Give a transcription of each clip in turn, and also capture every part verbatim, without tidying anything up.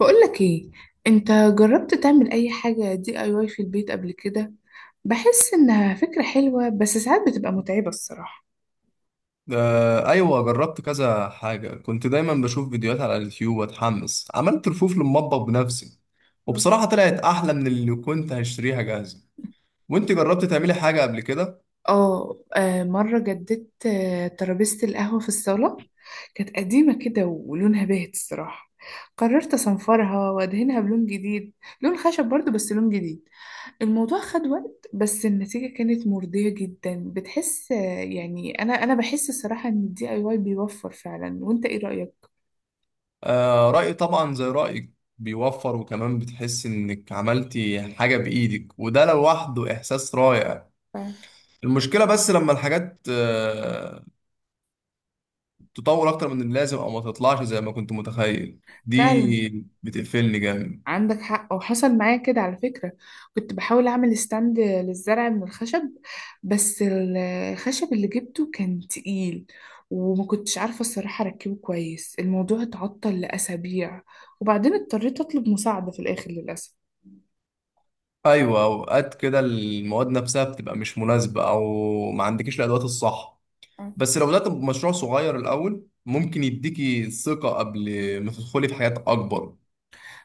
بقولك ايه؟ انت جربت تعمل اي حاجة دي اي واي في البيت قبل كده؟ بحس انها فكرة حلوة، بس ساعات بتبقى متعبة الصراحة. آه، ايوه، جربت كذا حاجه. كنت دايما بشوف فيديوهات على اليوتيوب واتحمس. عملت رفوف للمطبخ بنفسي، وبصراحه طلعت احلى من اللي كنت هشتريها جاهزه. وانت جربت تعملي حاجه قبل كده؟ اه. آه، مرة جددت آه، ترابيزة القهوة في الصالة. كانت قديمة كده ولونها باهت الصراحة. قررت اصنفرها وادهنها بلون جديد، لون خشب برضو بس لون جديد. الموضوع خد وقت، بس النتيجة كانت مرضية جدا. بتحس آه، يعني انا انا بحس الصراحة ان الدي اي واي بيوفر فعلا. وانت ايه رأيك؟ آه، رايي طبعا زي رايك، بيوفر، وكمان بتحس انك عملتي حاجه بايدك وده لوحده احساس رائع. المشكله بس لما الحاجات آه تطور اكتر من اللازم او ما تطلعش زي ما كنت متخيل، فعلا دي بتقفلني جامد. عندك حق، وحصل معايا كده على فكرة. كنت بحاول أعمل ستاند للزرع من الخشب، بس ال- الخشب اللي جبته كان تقيل، وما كنتش عارفة الصراحة أركبه كويس. الموضوع اتعطل لأسابيع، وبعدين اضطريت أطلب مساعدة في الآخر للأسف. ايوه، اوقات كده المواد نفسها بتبقى مش مناسبه او ما عندكيش الادوات الصح. أه. بس لو بدات بمشروع صغير الاول ممكن يديكي ثقه قبل ما تدخلي في حاجات اكبر.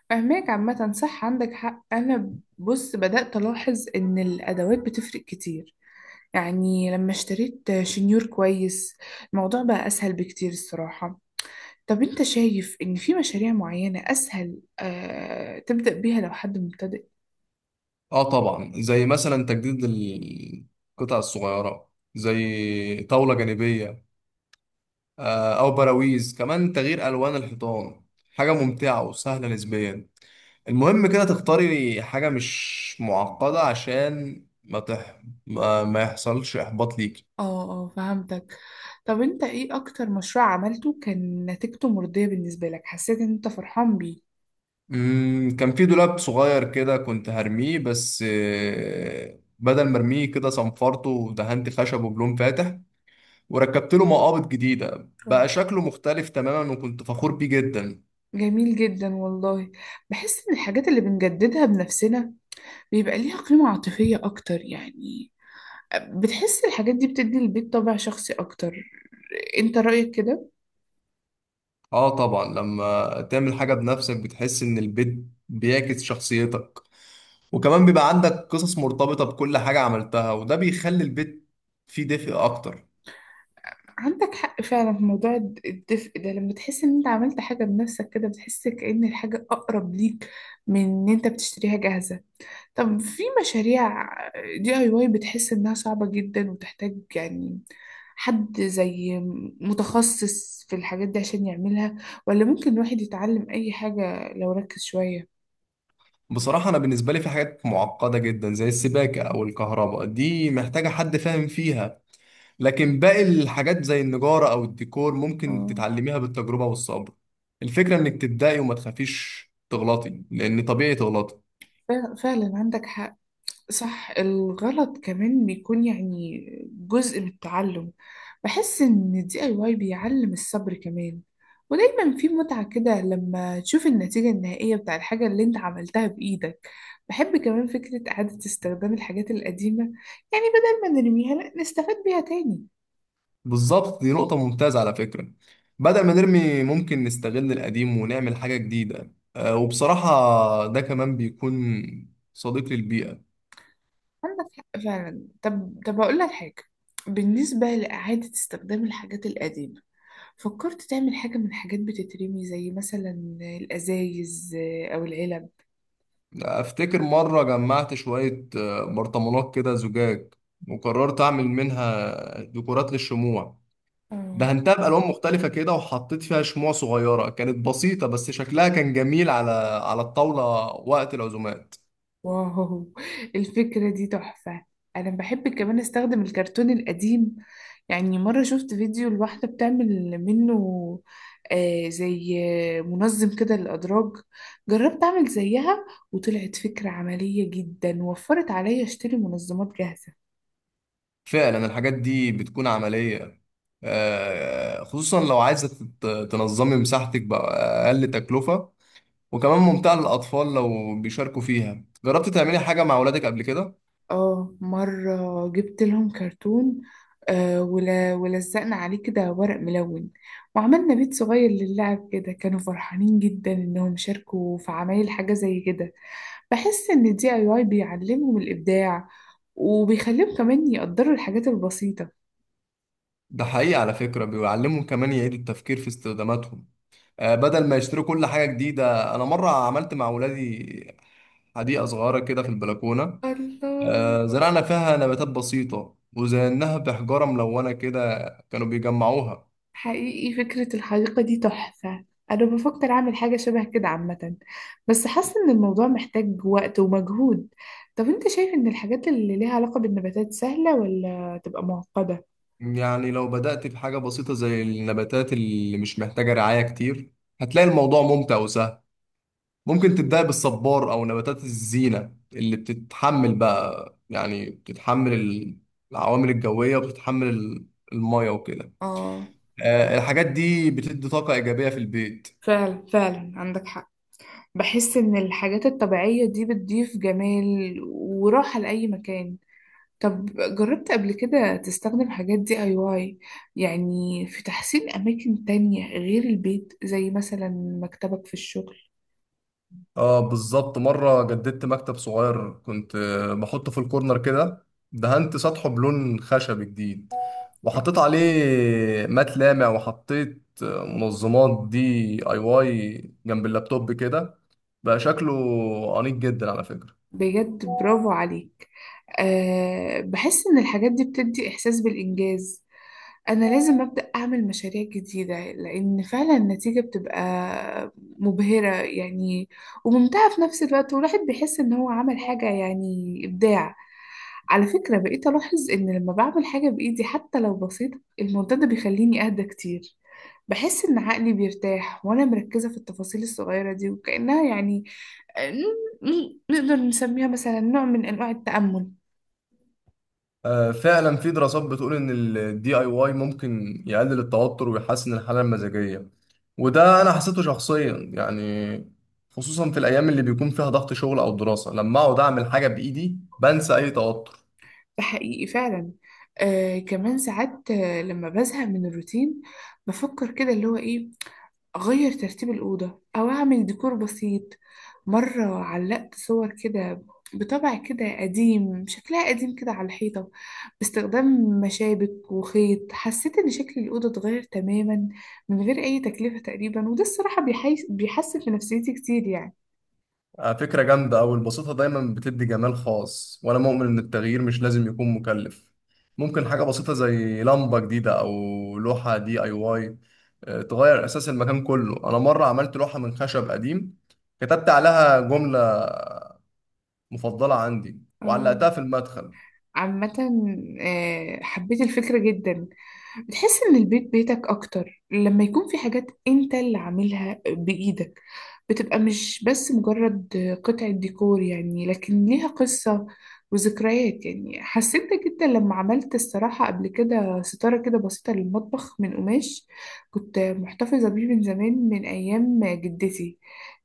فهماك عامة، صح عندك حق. أنا بص بدأت ألاحظ إن الأدوات بتفرق كتير. يعني لما اشتريت شنيور كويس الموضوع بقى أسهل بكتير الصراحة. طب انت شايف ان في مشاريع معينة اسهل آه تبدأ بيها لو حد مبتدئ؟ اه طبعا، زي مثلا تجديد القطع الصغيره، زي طاوله جانبيه، آه، او براويز، كمان تغيير الوان الحيطان، حاجه ممتعه وسهله نسبيا. المهم كده تختاري حاجه مش معقده عشان ما تح... ما ما يحصلش احباط ليكي. اه اه، فهمتك. طب انت ايه اكتر مشروع عملته كان نتيجته مرضية بالنسبة لك، حسيت ان انت فرحان بيه؟ مم، كان في دولاب صغير كده كنت هرميه، بس آه، بدل ما ارميه كده صنفرته ودهنت خشبه بلون فاتح وركبت له مقابض جديدة. اه، بقى شكله مختلف تماما وكنت فخور بيه جدا. جميل جدا والله. بحس ان الحاجات اللي بنجددها بنفسنا بيبقى ليها قيمة عاطفية اكتر، يعني بتحس الحاجات دي بتدي البيت طابع شخصي اكتر. انت رأيك كده؟ اه طبعا، لما تعمل حاجة بنفسك بتحس ان البيت بيعكس شخصيتك، وكمان بيبقى عندك قصص مرتبطة بكل حاجة عملتها، وده بيخلي البيت فيه دفء اكتر. عندك حق فعلا في موضوع الد- الدفء ده. لما تحس ان انت عملت حاجة بنفسك كده بتحس كأن الحاجة أقرب ليك، من ان انت بتشتريها جاهزة. طب في مشاريع دي اي واي بتحس انها صعبة جدا وتحتاج يعني حد زي متخصص في الحاجات دي عشان يعملها، ولا ممكن الواحد يتعلم اي حاجة لو ركز شوية؟ بصراحة أنا بالنسبة لي في حاجات معقدة جدا زي السباكة أو الكهرباء، دي محتاجة حد فاهم فيها، لكن باقي الحاجات زي النجارة أو الديكور ممكن اه، تتعلميها بالتجربة والصبر. الفكرة إنك تبدأي وما تخافيش تغلطي، لأن طبيعي تغلطي. ف- فعلا عندك حق. صح، الغلط كمان بيكون يعني جزء من التعلم. بحس إن الدي اي واي بيعلم الصبر كمان، ودايما في متعة كده لما تشوف النتيجة النهائية بتاع الحاجة اللي انت عملتها بإيدك. بحب كمان فكرة إعادة استخدام الحاجات القديمة، يعني بدل ما نرميها لأ نستفاد بيها تاني. بالظبط، دي نقطة ممتازة على فكرة. بدل ما نرمي ممكن نستغل القديم ونعمل حاجة جديدة، آه، وبصراحة ده كمان بيكون صديق للبيئة. عندك حق فعلا. طب طب أقول لك حاجة، بالنسبة لإعادة استخدام الحاجات القديمة، فكرت تعمل حاجة من حاجات بتترمي زي مثلا الأزايز آه، أو العلب؟ أفتكر مرة جمعت شوية آه، برطمانات كده زجاج، وقررت أعمل منها ديكورات للشموع. اه، دهنتها بألوان مختلفة كده وحطيت فيها شموع صغيرة. كانت بسيطة بس شكلها كان جميل على على الطاولة وقت العزومات. واو، الفكرة دي تحفة. أنا بحب كمان أستخدم الكرتون القديم. يعني مرة شفت فيديو لواحدة بتعمل منه آه زي آه، منظم كده للأدراج. جربت أعمل زيها، وطلعت فكرة عملية جدا، وفرت عليا أشتري منظمات جاهزة. فعلا الحاجات دي بتكون عملية، آه، خصوصا لو عايزة تت- تنظمي مساحتك بأقل تكلفة، وكمان ممتعة للأطفال لو بيشاركوا فيها. جربت تعملي حاجة مع أولادك قبل كده؟ اه، مرة جبت لهم كرتون آه ول- ولزقنا عليه كده ورق ملون، وعملنا بيت صغير للعب كده. كانوا فرحانين جدا انهم شاركوا في عمايل حاجة زي كده. بحس ان الدي اي واي بيعلمهم الابداع، وبيخليهم كمان يقدروا الحاجات البسيطة. ده حقيقي على فكرة، بيعلمهم كمان يعيدوا التفكير في استخداماتهم، آه، بدل ما يشتروا كل حاجة جديدة. أنا مرة عملت مع أولادي حديقة صغيرة كده في البلكونة. الله، آه، زرعنا فيها نباتات بسيطة وزيناها بحجارة ملونة كده، كانوا بيجمعوها. حقيقي فكرة الحديقة دي تحفة. أنا بفكر أعمل حاجة شبه كده عامة، بس حاسة إن الموضوع محتاج وقت ومجهود. طب أنت شايف إن الحاجات اللي ليها علاقة بالنباتات سهلة ولا تبقى معقدة؟ يعني لو بدأت في حاجة بسيطة زي النباتات اللي مش محتاجة رعاية كتير هتلاقي الموضوع ممتع وسهل. ممكن تبدأ بالصبار أو نباتات الزينة اللي بتتحمل، بقى يعني بتتحمل ال- العوامل الجوية، وبتتحمل ال- المية وكده. اه، آه، الحاجات دي بتدي طاقة إيجابية في البيت. فعلا فعلا عندك حق. بحس إن الحاجات الطبيعية دي بتضيف جمال وراحة لأي مكان. طب جربت قبل كده تستخدم حاجات دي اي واي، يعني في تحسين أماكن تانية غير البيت زي مثلا مكتبك في الشغل؟ اه بالظبط، مرة جددت مكتب صغير كنت آه، بحطه في الكورنر كده. دهنت سطحه بلون خشبي جديد وحطيت عليه مات لامع، وحطيت آه، منظمات دي اي واي جنب اللابتوب كده. بقى شكله أنيق جدا على فكرة. بجد، برافو عليك. أه، بحس إن الحاجات دي بتدي إحساس بالإنجاز. أنا لازم أبدأ أعمل مشاريع جديدة، لأن فعلا النتيجة بتبقى مبهرة يعني، وممتعة في نفس الوقت. والواحد بيحس إن هو عمل حاجة، يعني إبداع. على فكرة، بقيت ألاحظ إن لما بعمل حاجة بإيدي حتى لو بسيطة الموضوع ده بيخليني أهدى كتير. بحس إن عقلي بيرتاح وأنا مركزة في التفاصيل الصغيرة دي، وكأنها يعني ن- نقدر نسميها مثلا نوع من أنواع التأمل. آه، فعلا في دراسات بتقول ان الدي اي واي ممكن يقلل التوتر ويحسن الحاله المزاجيه، وده انا حسيته شخصيا يعني. خصوصا في الايام اللي بيكون فيها ضغط شغل او دراسه، لما اقعد اعمل حاجه بايدي بنسى اي توتر. ده حقيقي فعلا. آه، كمان ساعات آه، لما بزهق من الروتين بفكر كده اللي هو إيه، أغير ترتيب الأوضة أو أعمل ديكور بسيط. مرة علقت صور كده بطبع كده قديم، شكلها قديم كده على الحيطة باستخدام مشابك وخيط. حسيت إن شكل الأوضة اتغير تماما من غير أي تكلفة تقريبا، وده الصراحة بيحي- بيحسن في نفسيتي كتير يعني. آه، فكره جامده، او البساطه دايما بتدي جمال خاص، وانا مؤمن ان التغيير مش لازم يكون مكلف. ممكن حاجه بسيطه زي لمبه جديده او لوحه دي اي واي آه، تغير اساس المكان كله. انا مره عملت لوحه من خشب قديم كتبت عليها جمله مفضلة عندي آه. وعلقتها في المدخل. عامة آه، حبيت الفكرة جدا. بتحس إن البيت بيتك أكتر لما يكون في حاجات أنت اللي عاملها بإيدك، بتبقى مش بس مجرد قطعة ديكور يعني، لكن ليها قصة وذكريات. يعني حسيت ده جدا لما عملت الصراحة قبل كده ستارة كده بسيطة للمطبخ من قماش كنت محتفظة بيه من زمان من أيام جدتي.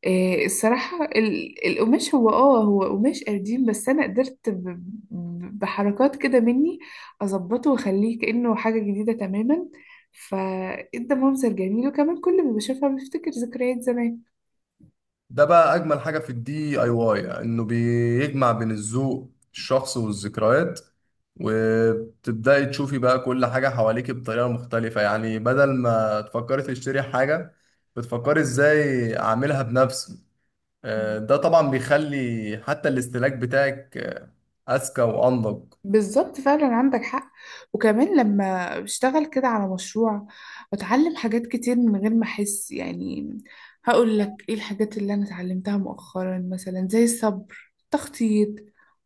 إيه الصراحة ال- القماش هو اه هو قماش قديم، بس أنا قدرت ب- ب- بحركات كده مني أظبطه وأخليه كأنه حاجة جديدة تماما. فإدى منظر جميل، وكمان كل ما بشوفها بفتكر ذكريات زمان. ده بقى أجمل حاجة في الدي أي واي، إنه بيجمع بين الذوق الشخص والذكريات. وبتبدأي تشوفي بقى كل حاجة حواليك بطريقة مختلفة، يعني بدل ما تفكري تشتري حاجة بتفكري إزاي أعملها بنفسي. آه، ده طبعا بيخلي حتى الاستهلاك بتاعك آه، أذكى وأنضج. بالظبط فعلا عندك حق. وكمان لما بشتغل كده على مشروع بتعلم حاجات كتير من غير ما احس، يعني هقول لك ايه الحاجات اللي انا اتعلمتها مؤخرا؟ مثلا زي الصبر، التخطيط،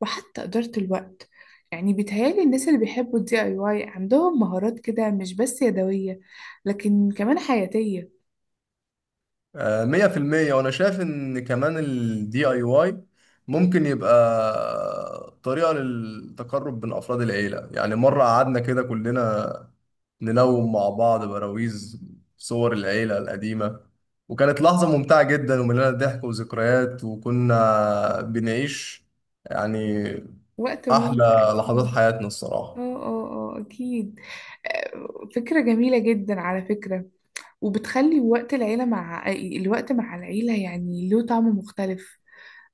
وحتى إدارة الوقت. يعني بيتهيألي الناس اللي بيحبوا الدي اي واي عندهم مهارات كده مش بس يدوية، لكن كمان حياتية. آه، مية في المية. وأنا شايف إن كمان ال دي آي واي ممكن يبقى طريقة للتقرب بين أفراد العيلة، يعني مرة قعدنا كده كلنا نلون مع بعض براويز صور العيلة القديمة، وكانت لحظة ممتعة جدا ومليانة ضحك وذكريات، وكنا بنعيش يعني وقت ممتع أحلى لحظات أكيد. حياتنا اه الصراحة. اه اه، أكيد. آه، فكرة جميلة جدا على فكرة، وبتخلي وقت العيلة، مع الوقت مع العيلة، يعني له طعم مختلف.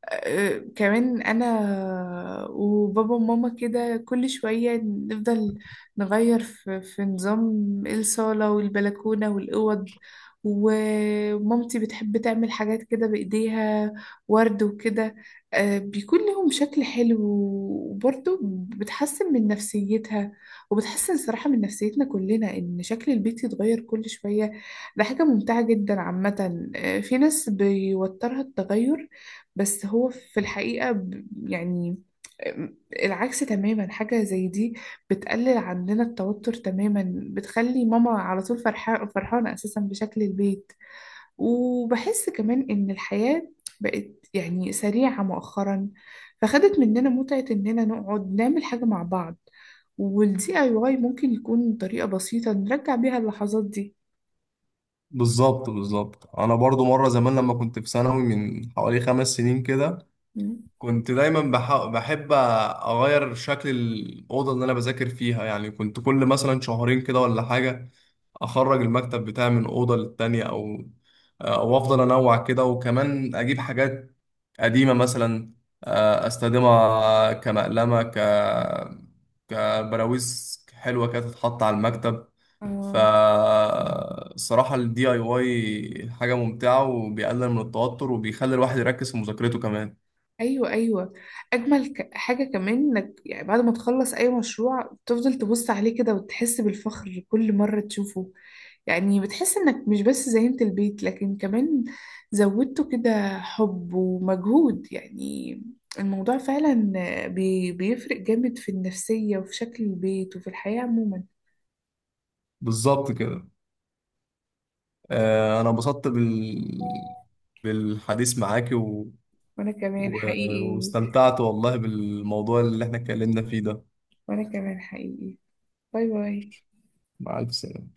آه، كمان انا وبابا وماما كده كل شوية نفضل نغير في, في نظام الصالة والبلكونة والأوض. ومامتي بتحب تعمل حاجات كده بإيديها، ورد وكده. آه، بيكون لهم شكل حلو، وبرضه بتحسن من نفسيتها، وبتحسن صراحة من نفسيتنا كلنا إن شكل البيت يتغير كل شوية. ده حاجة ممتعة جدا عامة. آه، في ناس بيوترها التغير، بس هو في الحقيقة ب- يعني آمم، العكس تماما. حاجة زي دي بتقلل عندنا التوتر تماما، بتخلي ماما على طول فرحانة فرحانة أساسا بشكل البيت. وبحس كمان إن الحياة بقت يعني سريعة مؤخرا، فخدت مننا متعة إننا نقعد نعمل حاجة مع بعض. والدي اي واي ممكن يكون طريقة بسيطة نرجع بيها اللحظات دي. بالظبط بالظبط، انا برضو مره زمان لما كنت في ثانوي من حوالي خمس سنين كده، مم. كنت دايما بح- بحب اغير شكل الاوضه اللي انا بذاكر فيها. يعني كنت كل مثلا شهرين كده ولا حاجه اخرج المكتب بتاعي من اوضه للتانيه، او او افضل انوع كده، وكمان اجيب حاجات قديمه مثلا آه، استخدمها كمقلمه، ك كبراويز حلوه كده تتحط على المكتب. آه. فالصراحه الدي اي واي حاجه ممتعه وبيقلل من التوتر وبيخلي الواحد يركز في مذاكرته كمان. ايوه ايوه، اجمل ك- حاجه كمان انك يعني بعد ما تخلص اي مشروع تفضل تبص عليه كده وتحس بالفخر كل مره تشوفه. يعني بتحس انك مش بس زينت البيت، لكن كمان زودته كده حب ومجهود يعني. الموضوع فعلا بي بيفرق جامد في النفسيه، وفي شكل البيت، وفي الحياه عموما. بالظبط كده. آه، انا انبسطت بال... بالحديث معاكي و... وانا كمان و... حقيقي. واستمتعت والله بالموضوع اللي احنا اتكلمنا فيه ده. وانا كمان حقيقي. باي باي. مع الف سلامة.